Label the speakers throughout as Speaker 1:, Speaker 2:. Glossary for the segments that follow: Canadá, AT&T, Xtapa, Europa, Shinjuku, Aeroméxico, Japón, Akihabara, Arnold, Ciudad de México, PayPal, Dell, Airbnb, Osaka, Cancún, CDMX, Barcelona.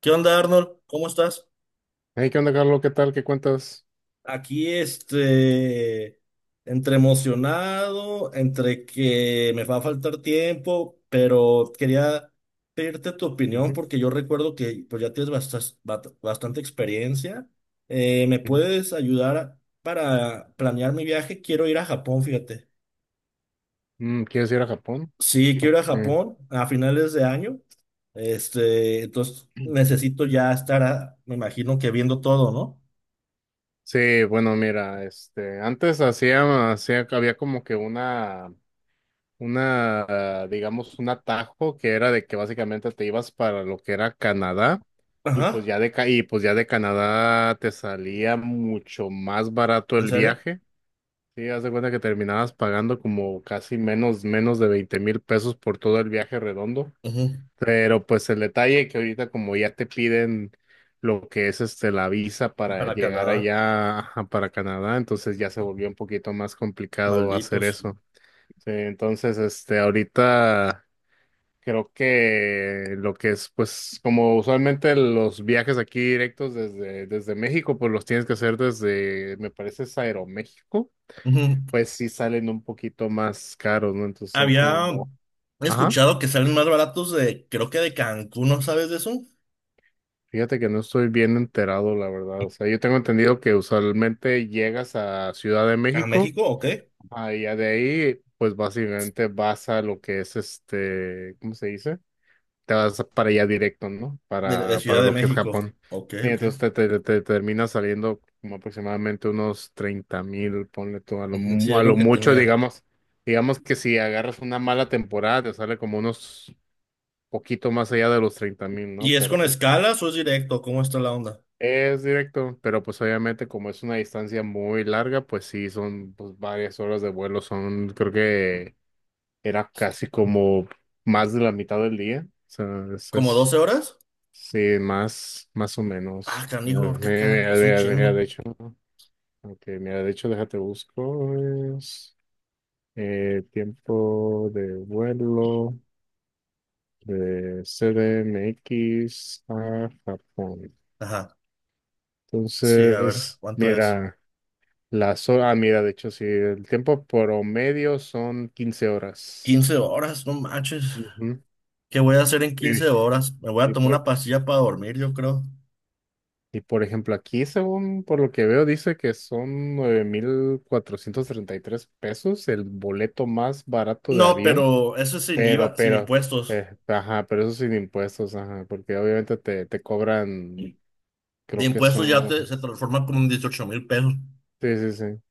Speaker 1: ¿Qué onda, Arnold? ¿Cómo estás?
Speaker 2: Hey, ¿qué onda, Carlos? ¿Qué tal? ¿Qué cuentas?
Speaker 1: Aquí, entre emocionado, entre que me va a faltar tiempo, pero quería pedirte tu opinión
Speaker 2: Ujú,
Speaker 1: porque yo recuerdo que pues, ya tienes bastante experiencia. ¿Me
Speaker 2: ujú.
Speaker 1: puedes ayudar para planear mi viaje? Quiero ir a Japón, fíjate.
Speaker 2: ¿Quieres ir a Japón?
Speaker 1: Sí, quiero ir a
Speaker 2: Ok.
Speaker 1: Japón a finales de año. Entonces necesito ya estar, me imagino que viendo todo, ¿no?
Speaker 2: Sí, bueno, mira, antes había como que una, digamos, un atajo que era de que básicamente te ibas para lo que era Canadá
Speaker 1: Ajá,
Speaker 2: y pues ya de Canadá te salía mucho más barato
Speaker 1: ¿en
Speaker 2: el
Speaker 1: serio?
Speaker 2: viaje. Sí, haz de cuenta que terminabas pagando como menos de 20.000 pesos por todo el viaje redondo.
Speaker 1: Ujú.
Speaker 2: Pero pues el detalle que ahorita como ya te piden lo que es la visa para
Speaker 1: Para
Speaker 2: llegar
Speaker 1: Canadá,
Speaker 2: allá, ajá, para Canadá, entonces ya se volvió un poquito más complicado hacer
Speaker 1: malditos.
Speaker 2: eso. Sí, entonces ahorita creo que lo que es, pues, como usualmente los viajes aquí directos desde México, pues los tienes que hacer desde, me parece, es Aeroméxico.
Speaker 1: Ujú.
Speaker 2: Pues sí salen un poquito más caros, ¿no? Entonces son
Speaker 1: Había
Speaker 2: como, ajá.
Speaker 1: escuchado que salen más baratos de, creo que de Cancún, ¿no sabes de eso?
Speaker 2: Fíjate que no estoy bien enterado, la verdad. O sea, yo tengo entendido que usualmente llegas a Ciudad de
Speaker 1: ¿A
Speaker 2: México,
Speaker 1: México o qué?
Speaker 2: y ya de ahí pues básicamente vas a lo que es ¿cómo se dice? Te vas para allá directo, ¿no?
Speaker 1: De
Speaker 2: Para
Speaker 1: Ciudad de
Speaker 2: lo que es
Speaker 1: México.
Speaker 2: Japón.
Speaker 1: Ok,
Speaker 2: Y
Speaker 1: ok.
Speaker 2: entonces termina saliendo como aproximadamente unos 30.000, ponle tú,
Speaker 1: Ujú, sí,
Speaker 2: a
Speaker 1: es lo
Speaker 2: lo
Speaker 1: que
Speaker 2: mucho,
Speaker 1: tenía.
Speaker 2: digamos. Digamos que si agarras una mala temporada, te sale como unos poquito más allá de los 30.000, ¿no?
Speaker 1: ¿Y es
Speaker 2: Pero
Speaker 1: con
Speaker 2: pues...
Speaker 1: escalas o es directo? ¿Cómo está la onda?
Speaker 2: Es directo, pero pues obviamente como es una distancia muy larga, pues sí, son pues varias horas de vuelo. Son, creo que era casi como más de la mitad del día, o sea,
Speaker 1: ¿Como doce horas?
Speaker 2: sí, más, más o
Speaker 1: Ah,
Speaker 2: menos.
Speaker 1: canijo,
Speaker 2: Mira, mira,
Speaker 1: es un
Speaker 2: mira, mira,
Speaker 1: chingo.
Speaker 2: de hecho, ok, mira, de hecho, déjate busco, es, tiempo de vuelo de CDMX a Japón.
Speaker 1: Ajá. Sí, a ver,
Speaker 2: Entonces,
Speaker 1: ¿cuánto es?
Speaker 2: mira. Las horas, ah, mira, de hecho, sí, el tiempo promedio son 15 horas.
Speaker 1: 15 horas, no manches.
Speaker 2: Ujú.
Speaker 1: ¿Qué voy a hacer en
Speaker 2: Y,
Speaker 1: 15 horas? Me voy a
Speaker 2: y
Speaker 1: tomar
Speaker 2: por,
Speaker 1: una pastilla para dormir, yo creo.
Speaker 2: y por ejemplo, aquí, según por lo que veo, dice que son 9.433 pesos el boleto más barato de
Speaker 1: No,
Speaker 2: avión,
Speaker 1: pero eso es sin
Speaker 2: pero,
Speaker 1: IVA, sin
Speaker 2: pero,
Speaker 1: impuestos.
Speaker 2: ajá, pero eso sin impuestos, ajá, porque obviamente te cobran,
Speaker 1: De
Speaker 2: creo que
Speaker 1: impuestos ya
Speaker 2: son...
Speaker 1: se transforma como en 18.000 pesos.
Speaker 2: Sí, sí, sí.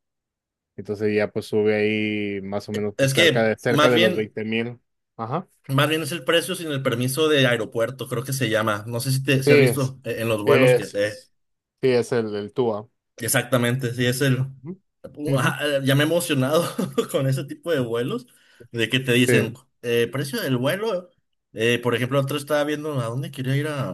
Speaker 2: Entonces ya pues sube ahí más o menos, pues
Speaker 1: Es que
Speaker 2: cerca de los 20.000.
Speaker 1: más bien es el precio sin el permiso de aeropuerto, creo que se llama. No sé si te si
Speaker 2: Sí,
Speaker 1: has visto en los vuelos que
Speaker 2: es- sí, es el Tua.
Speaker 1: exactamente, sí es el
Speaker 2: Ujú, ujú,
Speaker 1: Ua, ya me he emocionado con ese tipo de vuelos de que te dicen
Speaker 2: sí.
Speaker 1: precio del vuelo. Por ejemplo, otro estaba viendo a dónde quería ir a.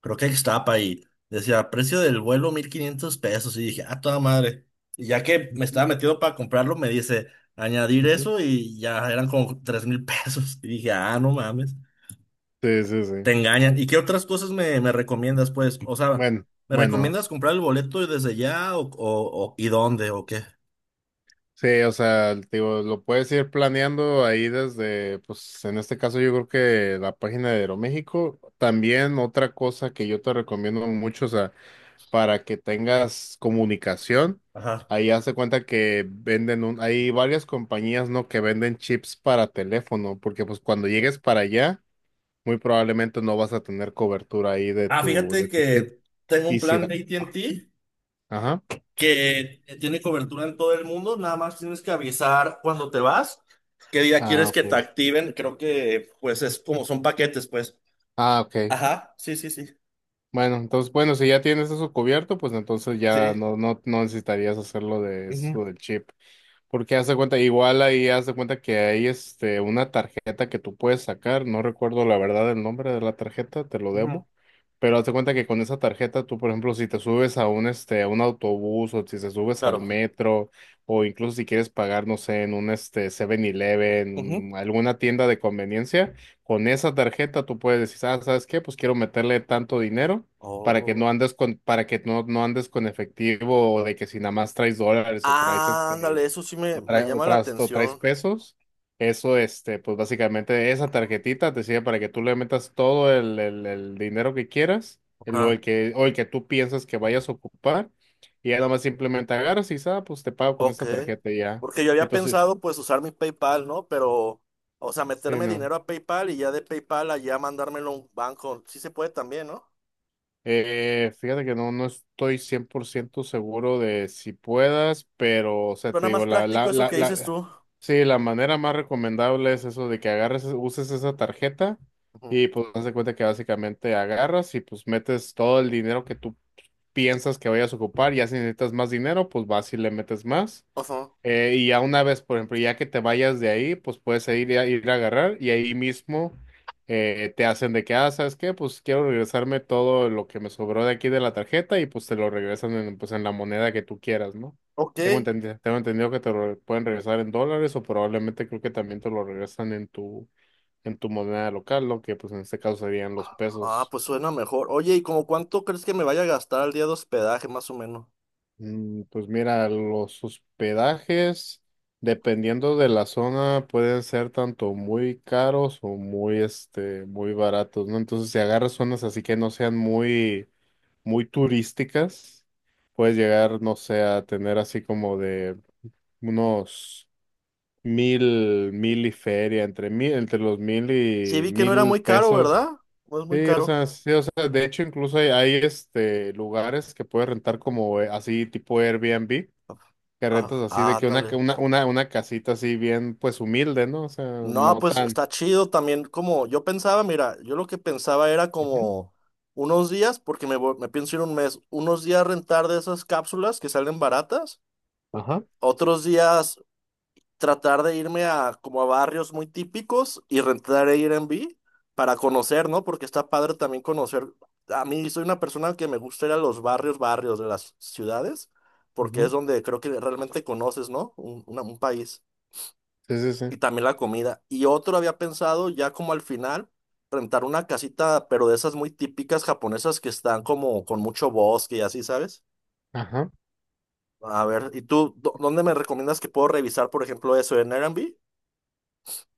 Speaker 1: Creo que Xtapa y decía, precio del vuelo 1.500 pesos. Y dije, ah, toda madre. Y ya que me
Speaker 2: Ujú,
Speaker 1: estaba metido para comprarlo, me dice, añadir
Speaker 2: ujú.
Speaker 1: eso y ya eran como 3.000 pesos. Y dije, ah, no mames,
Speaker 2: Sí, sí, sí.
Speaker 1: te engañan. ¿Y qué otras cosas me recomiendas, pues? O sea,
Speaker 2: Bueno,
Speaker 1: ¿me
Speaker 2: bueno,
Speaker 1: recomiendas comprar el boleto desde ya y dónde o qué?
Speaker 2: sí, o sea, te digo, lo puedes ir planeando ahí desde, pues en este caso yo creo que la página de Aeroméxico. También otra cosa que yo te recomiendo mucho, o sea, para que tengas comunicación,
Speaker 1: Ajá.
Speaker 2: ahí hace cuenta que venden un... hay varias compañías, ¿no? Que venden chips para teléfono, porque pues cuando llegues para allá muy probablemente no vas a tener cobertura ahí de
Speaker 1: Ah,
Speaker 2: tu,
Speaker 1: fíjate
Speaker 2: de tu chip.
Speaker 1: que tengo un
Speaker 2: Y si
Speaker 1: plan
Speaker 2: la-
Speaker 1: de AT&T
Speaker 2: ajá.
Speaker 1: que tiene cobertura en todo el mundo, nada más tienes que avisar cuando te vas, qué día
Speaker 2: Ah,
Speaker 1: quieres que te
Speaker 2: ok.
Speaker 1: activen, creo que pues es como son paquetes, pues.
Speaker 2: Ah, ok.
Speaker 1: Ajá, sí, sí, sí,
Speaker 2: Bueno, entonces, bueno, si ya tienes eso cubierto, pues entonces ya
Speaker 1: sí.
Speaker 2: no necesitarías hacerlo de
Speaker 1: Ujú,
Speaker 2: eso del chip. Porque haz de cuenta, igual ahí haz de cuenta que hay una tarjeta que tú puedes sacar, no recuerdo la verdad el nombre de la tarjeta, te lo debo,
Speaker 1: ujú,
Speaker 2: pero haz de cuenta que con esa tarjeta tú, por ejemplo, si te subes a un este a un autobús o si te subes al
Speaker 1: claro.
Speaker 2: metro o incluso si quieres pagar, no sé, en un Seven
Speaker 1: Ujú.
Speaker 2: eleven, alguna tienda de conveniencia, con esa tarjeta tú puedes decir, ah, ¿sabes qué? Pues quiero meterle tanto dinero para que no
Speaker 1: Oh.
Speaker 2: andes con, para que no andes con efectivo, o de que si nada más traes dólares o traes este,
Speaker 1: Ándale, eso sí
Speaker 2: o,
Speaker 1: me
Speaker 2: tra-
Speaker 1: llama la
Speaker 2: o traes
Speaker 1: atención.
Speaker 2: pesos. Eso, pues básicamente esa tarjetita te sirve para que tú le metas todo el dinero que quieras, el,
Speaker 1: Ajá,
Speaker 2: o el que tú piensas que vayas a ocupar, y ya nada más simplemente agarras y dices, ah, pues te pago con
Speaker 1: ok.
Speaker 2: esta tarjeta y ya.
Speaker 1: Porque yo había
Speaker 2: Entonces,
Speaker 1: pensado pues usar mi PayPal, ¿no? Pero, o sea,
Speaker 2: sí,
Speaker 1: meterme
Speaker 2: no.
Speaker 1: dinero a PayPal y ya de PayPal allá mandármelo a un banco. Sí se puede también, ¿no?
Speaker 2: Fíjate que no, no estoy 100% seguro de si puedas, pero o sea te
Speaker 1: Suena
Speaker 2: digo,
Speaker 1: más práctico eso que dices tú.
Speaker 2: sí, la manera más recomendable es eso de que agarres, uses esa tarjeta
Speaker 1: Ujú.
Speaker 2: y pues haz de cuenta que básicamente agarras y pues metes todo el dinero que tú piensas que vayas a ocupar. Ya si necesitas más dinero, pues vas y le metes más.
Speaker 1: Ujú.
Speaker 2: Y ya una vez, por ejemplo, ya que te vayas de ahí, pues puedes ir a, ir a agarrar y ahí mismo te hacen de que, ah, ¿sabes qué? Pues quiero regresarme todo lo que me sobró de aquí de la tarjeta y pues te lo regresan en, pues, en la moneda que tú quieras, ¿no?
Speaker 1: Ok.
Speaker 2: Tengo entendido que te lo pueden regresar en dólares, o probablemente creo que también te lo regresan en tu moneda local, lo que pues en este caso serían los
Speaker 1: Ah,
Speaker 2: pesos.
Speaker 1: pues suena mejor. Oye, ¿y como cuánto crees que me vaya a gastar al día de hospedaje, más o menos?
Speaker 2: Mm, pues mira, los hospedajes, dependiendo de la zona, pueden ser tanto muy caros o muy, muy baratos, ¿no? Entonces, si agarras zonas así que no sean muy turísticas, puedes llegar, no sé, a tener así como de unos mil, mil y feria, entre mil, entre los mil
Speaker 1: Sí,
Speaker 2: y
Speaker 1: vi que no era
Speaker 2: mil
Speaker 1: muy caro, ¿verdad?
Speaker 2: pesos.
Speaker 1: No es muy caro.
Speaker 2: Sí, o sea, de hecho, incluso hay, lugares que puedes rentar como, así tipo Airbnb que rentas
Speaker 1: Ah,
Speaker 2: así, de
Speaker 1: ah,
Speaker 2: que una,
Speaker 1: ándale.
Speaker 2: una casita así bien, pues humilde, ¿no? O sea,
Speaker 1: No,
Speaker 2: no
Speaker 1: pues
Speaker 2: tan.
Speaker 1: está chido también. Como yo pensaba, mira, yo lo que pensaba era
Speaker 2: Ujú.
Speaker 1: como unos días, porque me pienso ir un mes, unos días rentar de esas cápsulas que salen baratas,
Speaker 2: Ajá.
Speaker 1: otros días tratar de irme a como a barrios muy típicos y rentar Airbnb para conocer, ¿no? Porque está padre también conocer. A mí soy una persona que me gusta ir a los barrios, barrios de las ciudades, porque es
Speaker 2: Ujú.
Speaker 1: donde creo que realmente conoces, ¿no? Un país.
Speaker 2: Sí, sí, sí.
Speaker 1: Y también la comida. Y otro había pensado ya como al final, rentar una casita, pero de esas muy típicas japonesas que están como con mucho bosque y así, ¿sabes?
Speaker 2: Ajá.
Speaker 1: A ver, ¿y tú dónde me recomiendas que puedo revisar, por ejemplo, eso en Airbnb?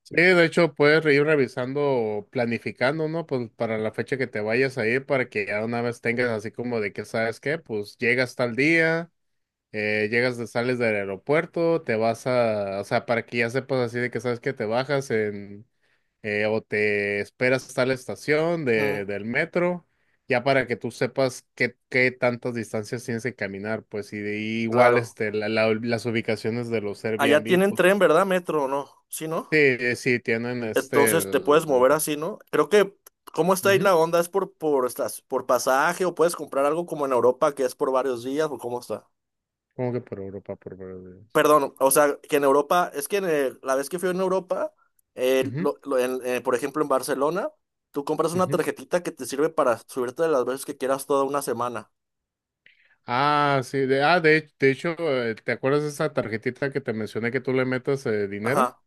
Speaker 2: Sí, de hecho, puedes ir revisando, planificando, ¿no? Pues para la fecha que te vayas a ir, para que ya una vez tengas así como de que, ¿sabes qué? Pues llegas tal día, llegas, de, sales del aeropuerto, te vas a... o sea, para que ya sepas así de que, ¿sabes qué? Te bajas en... o te esperas hasta la estación
Speaker 1: Mm,
Speaker 2: de, del metro, ya para que tú sepas qué, qué tantas distancias tienes que caminar, pues, y igual
Speaker 1: claro.
Speaker 2: las ubicaciones de los
Speaker 1: Allá
Speaker 2: Airbnb,
Speaker 1: tienen
Speaker 2: pues,
Speaker 1: tren, ¿verdad? Metro, ¿no? Sí, ¿no?
Speaker 2: sí, sí, tienen
Speaker 1: Entonces te puedes
Speaker 2: el...
Speaker 1: mover así, ¿no? Creo que, ¿cómo está ahí
Speaker 2: Ujú.
Speaker 1: la onda? ¿Es estas, por pasaje o puedes comprar algo como en Europa que es por varios días o cómo está?
Speaker 2: Como que por Europa,
Speaker 1: Perdón, o sea, que en Europa, es que la vez que fui en Europa,
Speaker 2: ujú,
Speaker 1: por ejemplo en Barcelona, tú compras una
Speaker 2: ujú.
Speaker 1: tarjetita que te sirve para subirte las veces que quieras toda una semana.
Speaker 2: De hecho, ¿te acuerdas de esa tarjetita que te mencioné que tú le metas, dinero?
Speaker 1: Ajá.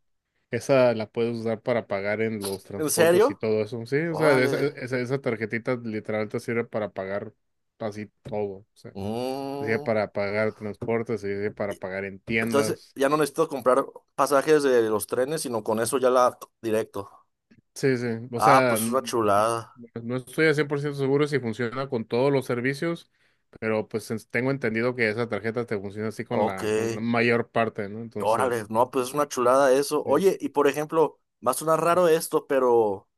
Speaker 2: Esa la puedes usar para pagar en los
Speaker 1: ¿En
Speaker 2: transportes y
Speaker 1: serio?
Speaker 2: todo eso. Sí, o sea,
Speaker 1: Órale.
Speaker 2: esa tarjetita literal te sirve para pagar así todo, o sea, te sirve
Speaker 1: Mm.
Speaker 2: para pagar transportes, te sirve para pagar en
Speaker 1: Entonces
Speaker 2: tiendas.
Speaker 1: ya no necesito comprar pasajes de los trenes, sino con eso ya la directo.
Speaker 2: Sí, sí, o
Speaker 1: Ah,
Speaker 2: sea,
Speaker 1: pues es una chulada.
Speaker 2: no estoy al 100% seguro si funciona con todos los servicios, pero pues tengo entendido que esa tarjeta te funciona así
Speaker 1: Ok.
Speaker 2: con la mayor parte, ¿no?
Speaker 1: Órale,
Speaker 2: Entonces,
Speaker 1: no, pues es una chulada eso.
Speaker 2: sí.
Speaker 1: Oye, y por ejemplo, va a sonar raro esto, pero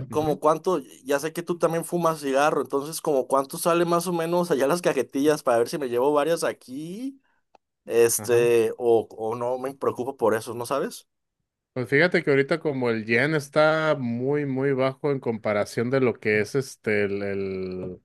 Speaker 2: Ujú,
Speaker 1: como cuánto, ya sé que tú también fumas cigarro, entonces como cuánto sale más o menos allá las cajetillas para ver si me llevo varias aquí,
Speaker 2: ajá.
Speaker 1: o no me preocupo por eso, ¿no sabes?
Speaker 2: Pues fíjate que ahorita como el yen está muy, muy bajo en comparación de lo que es este, el, el-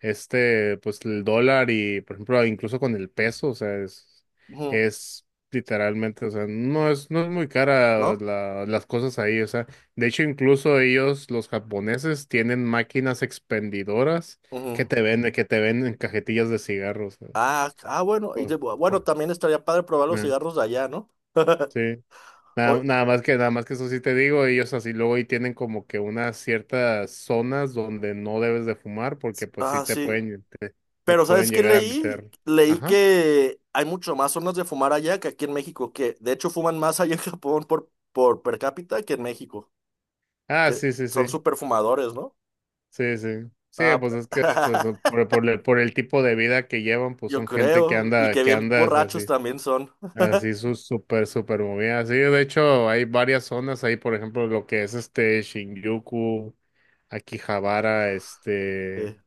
Speaker 2: este, pues el dólar y, por ejemplo, incluso con el peso. O sea,
Speaker 1: Ujú,
Speaker 2: es literalmente, o sea, no es, no es muy cara
Speaker 1: ¿no?
Speaker 2: las cosas ahí. O sea, de hecho, incluso ellos, los japoneses, tienen máquinas expendidoras
Speaker 1: Ujú.
Speaker 2: que te venden cajetillas de cigarros, ¿no?
Speaker 1: Ah, ah, bueno,
Speaker 2: Oh,
Speaker 1: bueno,
Speaker 2: oh,
Speaker 1: también estaría padre probar los
Speaker 2: eh,
Speaker 1: cigarros de allá, ¿no?
Speaker 2: Sí.
Speaker 1: O-
Speaker 2: Nada más que eso sí te digo, ellos así luego y tienen como que unas ciertas zonas donde no debes de fumar porque pues sí
Speaker 1: ah,
Speaker 2: te
Speaker 1: sí.
Speaker 2: pueden, te
Speaker 1: Pero
Speaker 2: pueden
Speaker 1: ¿sabes qué
Speaker 2: llegar a
Speaker 1: leí?
Speaker 2: meter.
Speaker 1: Leí
Speaker 2: Ajá.
Speaker 1: que hay mucho más zonas de fumar allá que aquí en México, que de hecho fuman más allá en Japón por per cápita que en México,
Speaker 2: Ah,
Speaker 1: que
Speaker 2: sí, sí,
Speaker 1: son
Speaker 2: sí.
Speaker 1: súper fumadores, ¿no?
Speaker 2: Sí, sí. Sí,
Speaker 1: Ah,
Speaker 2: pues es que eso, por el tipo de vida que llevan, pues
Speaker 1: yo
Speaker 2: son gente
Speaker 1: creo, y que
Speaker 2: que
Speaker 1: bien
Speaker 2: anda es
Speaker 1: borrachos
Speaker 2: así,
Speaker 1: también son.
Speaker 2: así su súper, súper movida. Sí, de hecho hay varias zonas ahí, por ejemplo, lo que es Shinjuku, Akihabara, este...
Speaker 1: Sí.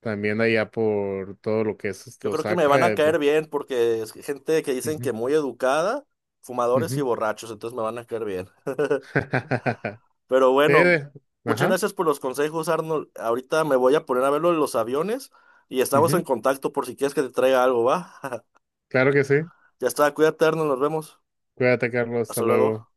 Speaker 2: También allá por todo lo que es
Speaker 1: Yo creo que me van
Speaker 2: Osaka.
Speaker 1: a
Speaker 2: Eh,
Speaker 1: caer bien porque es gente que dicen
Speaker 2: ujú,
Speaker 1: que muy educada, fumadores y
Speaker 2: ujú.
Speaker 1: borrachos, entonces me van a caer bien. Pero
Speaker 2: Sí,
Speaker 1: bueno,
Speaker 2: de-
Speaker 1: muchas
Speaker 2: ajá.
Speaker 1: gracias por los consejos, Arnold. Ahorita me voy a poner a ver lo de los aviones y estamos en
Speaker 2: Ujú.
Speaker 1: contacto por si quieres que te traiga algo, ¿va?
Speaker 2: Claro que sí.
Speaker 1: Ya está, cuídate, Arnold, nos vemos.
Speaker 2: Cuídate, Carlos. Hasta
Speaker 1: Hasta
Speaker 2: luego.
Speaker 1: luego.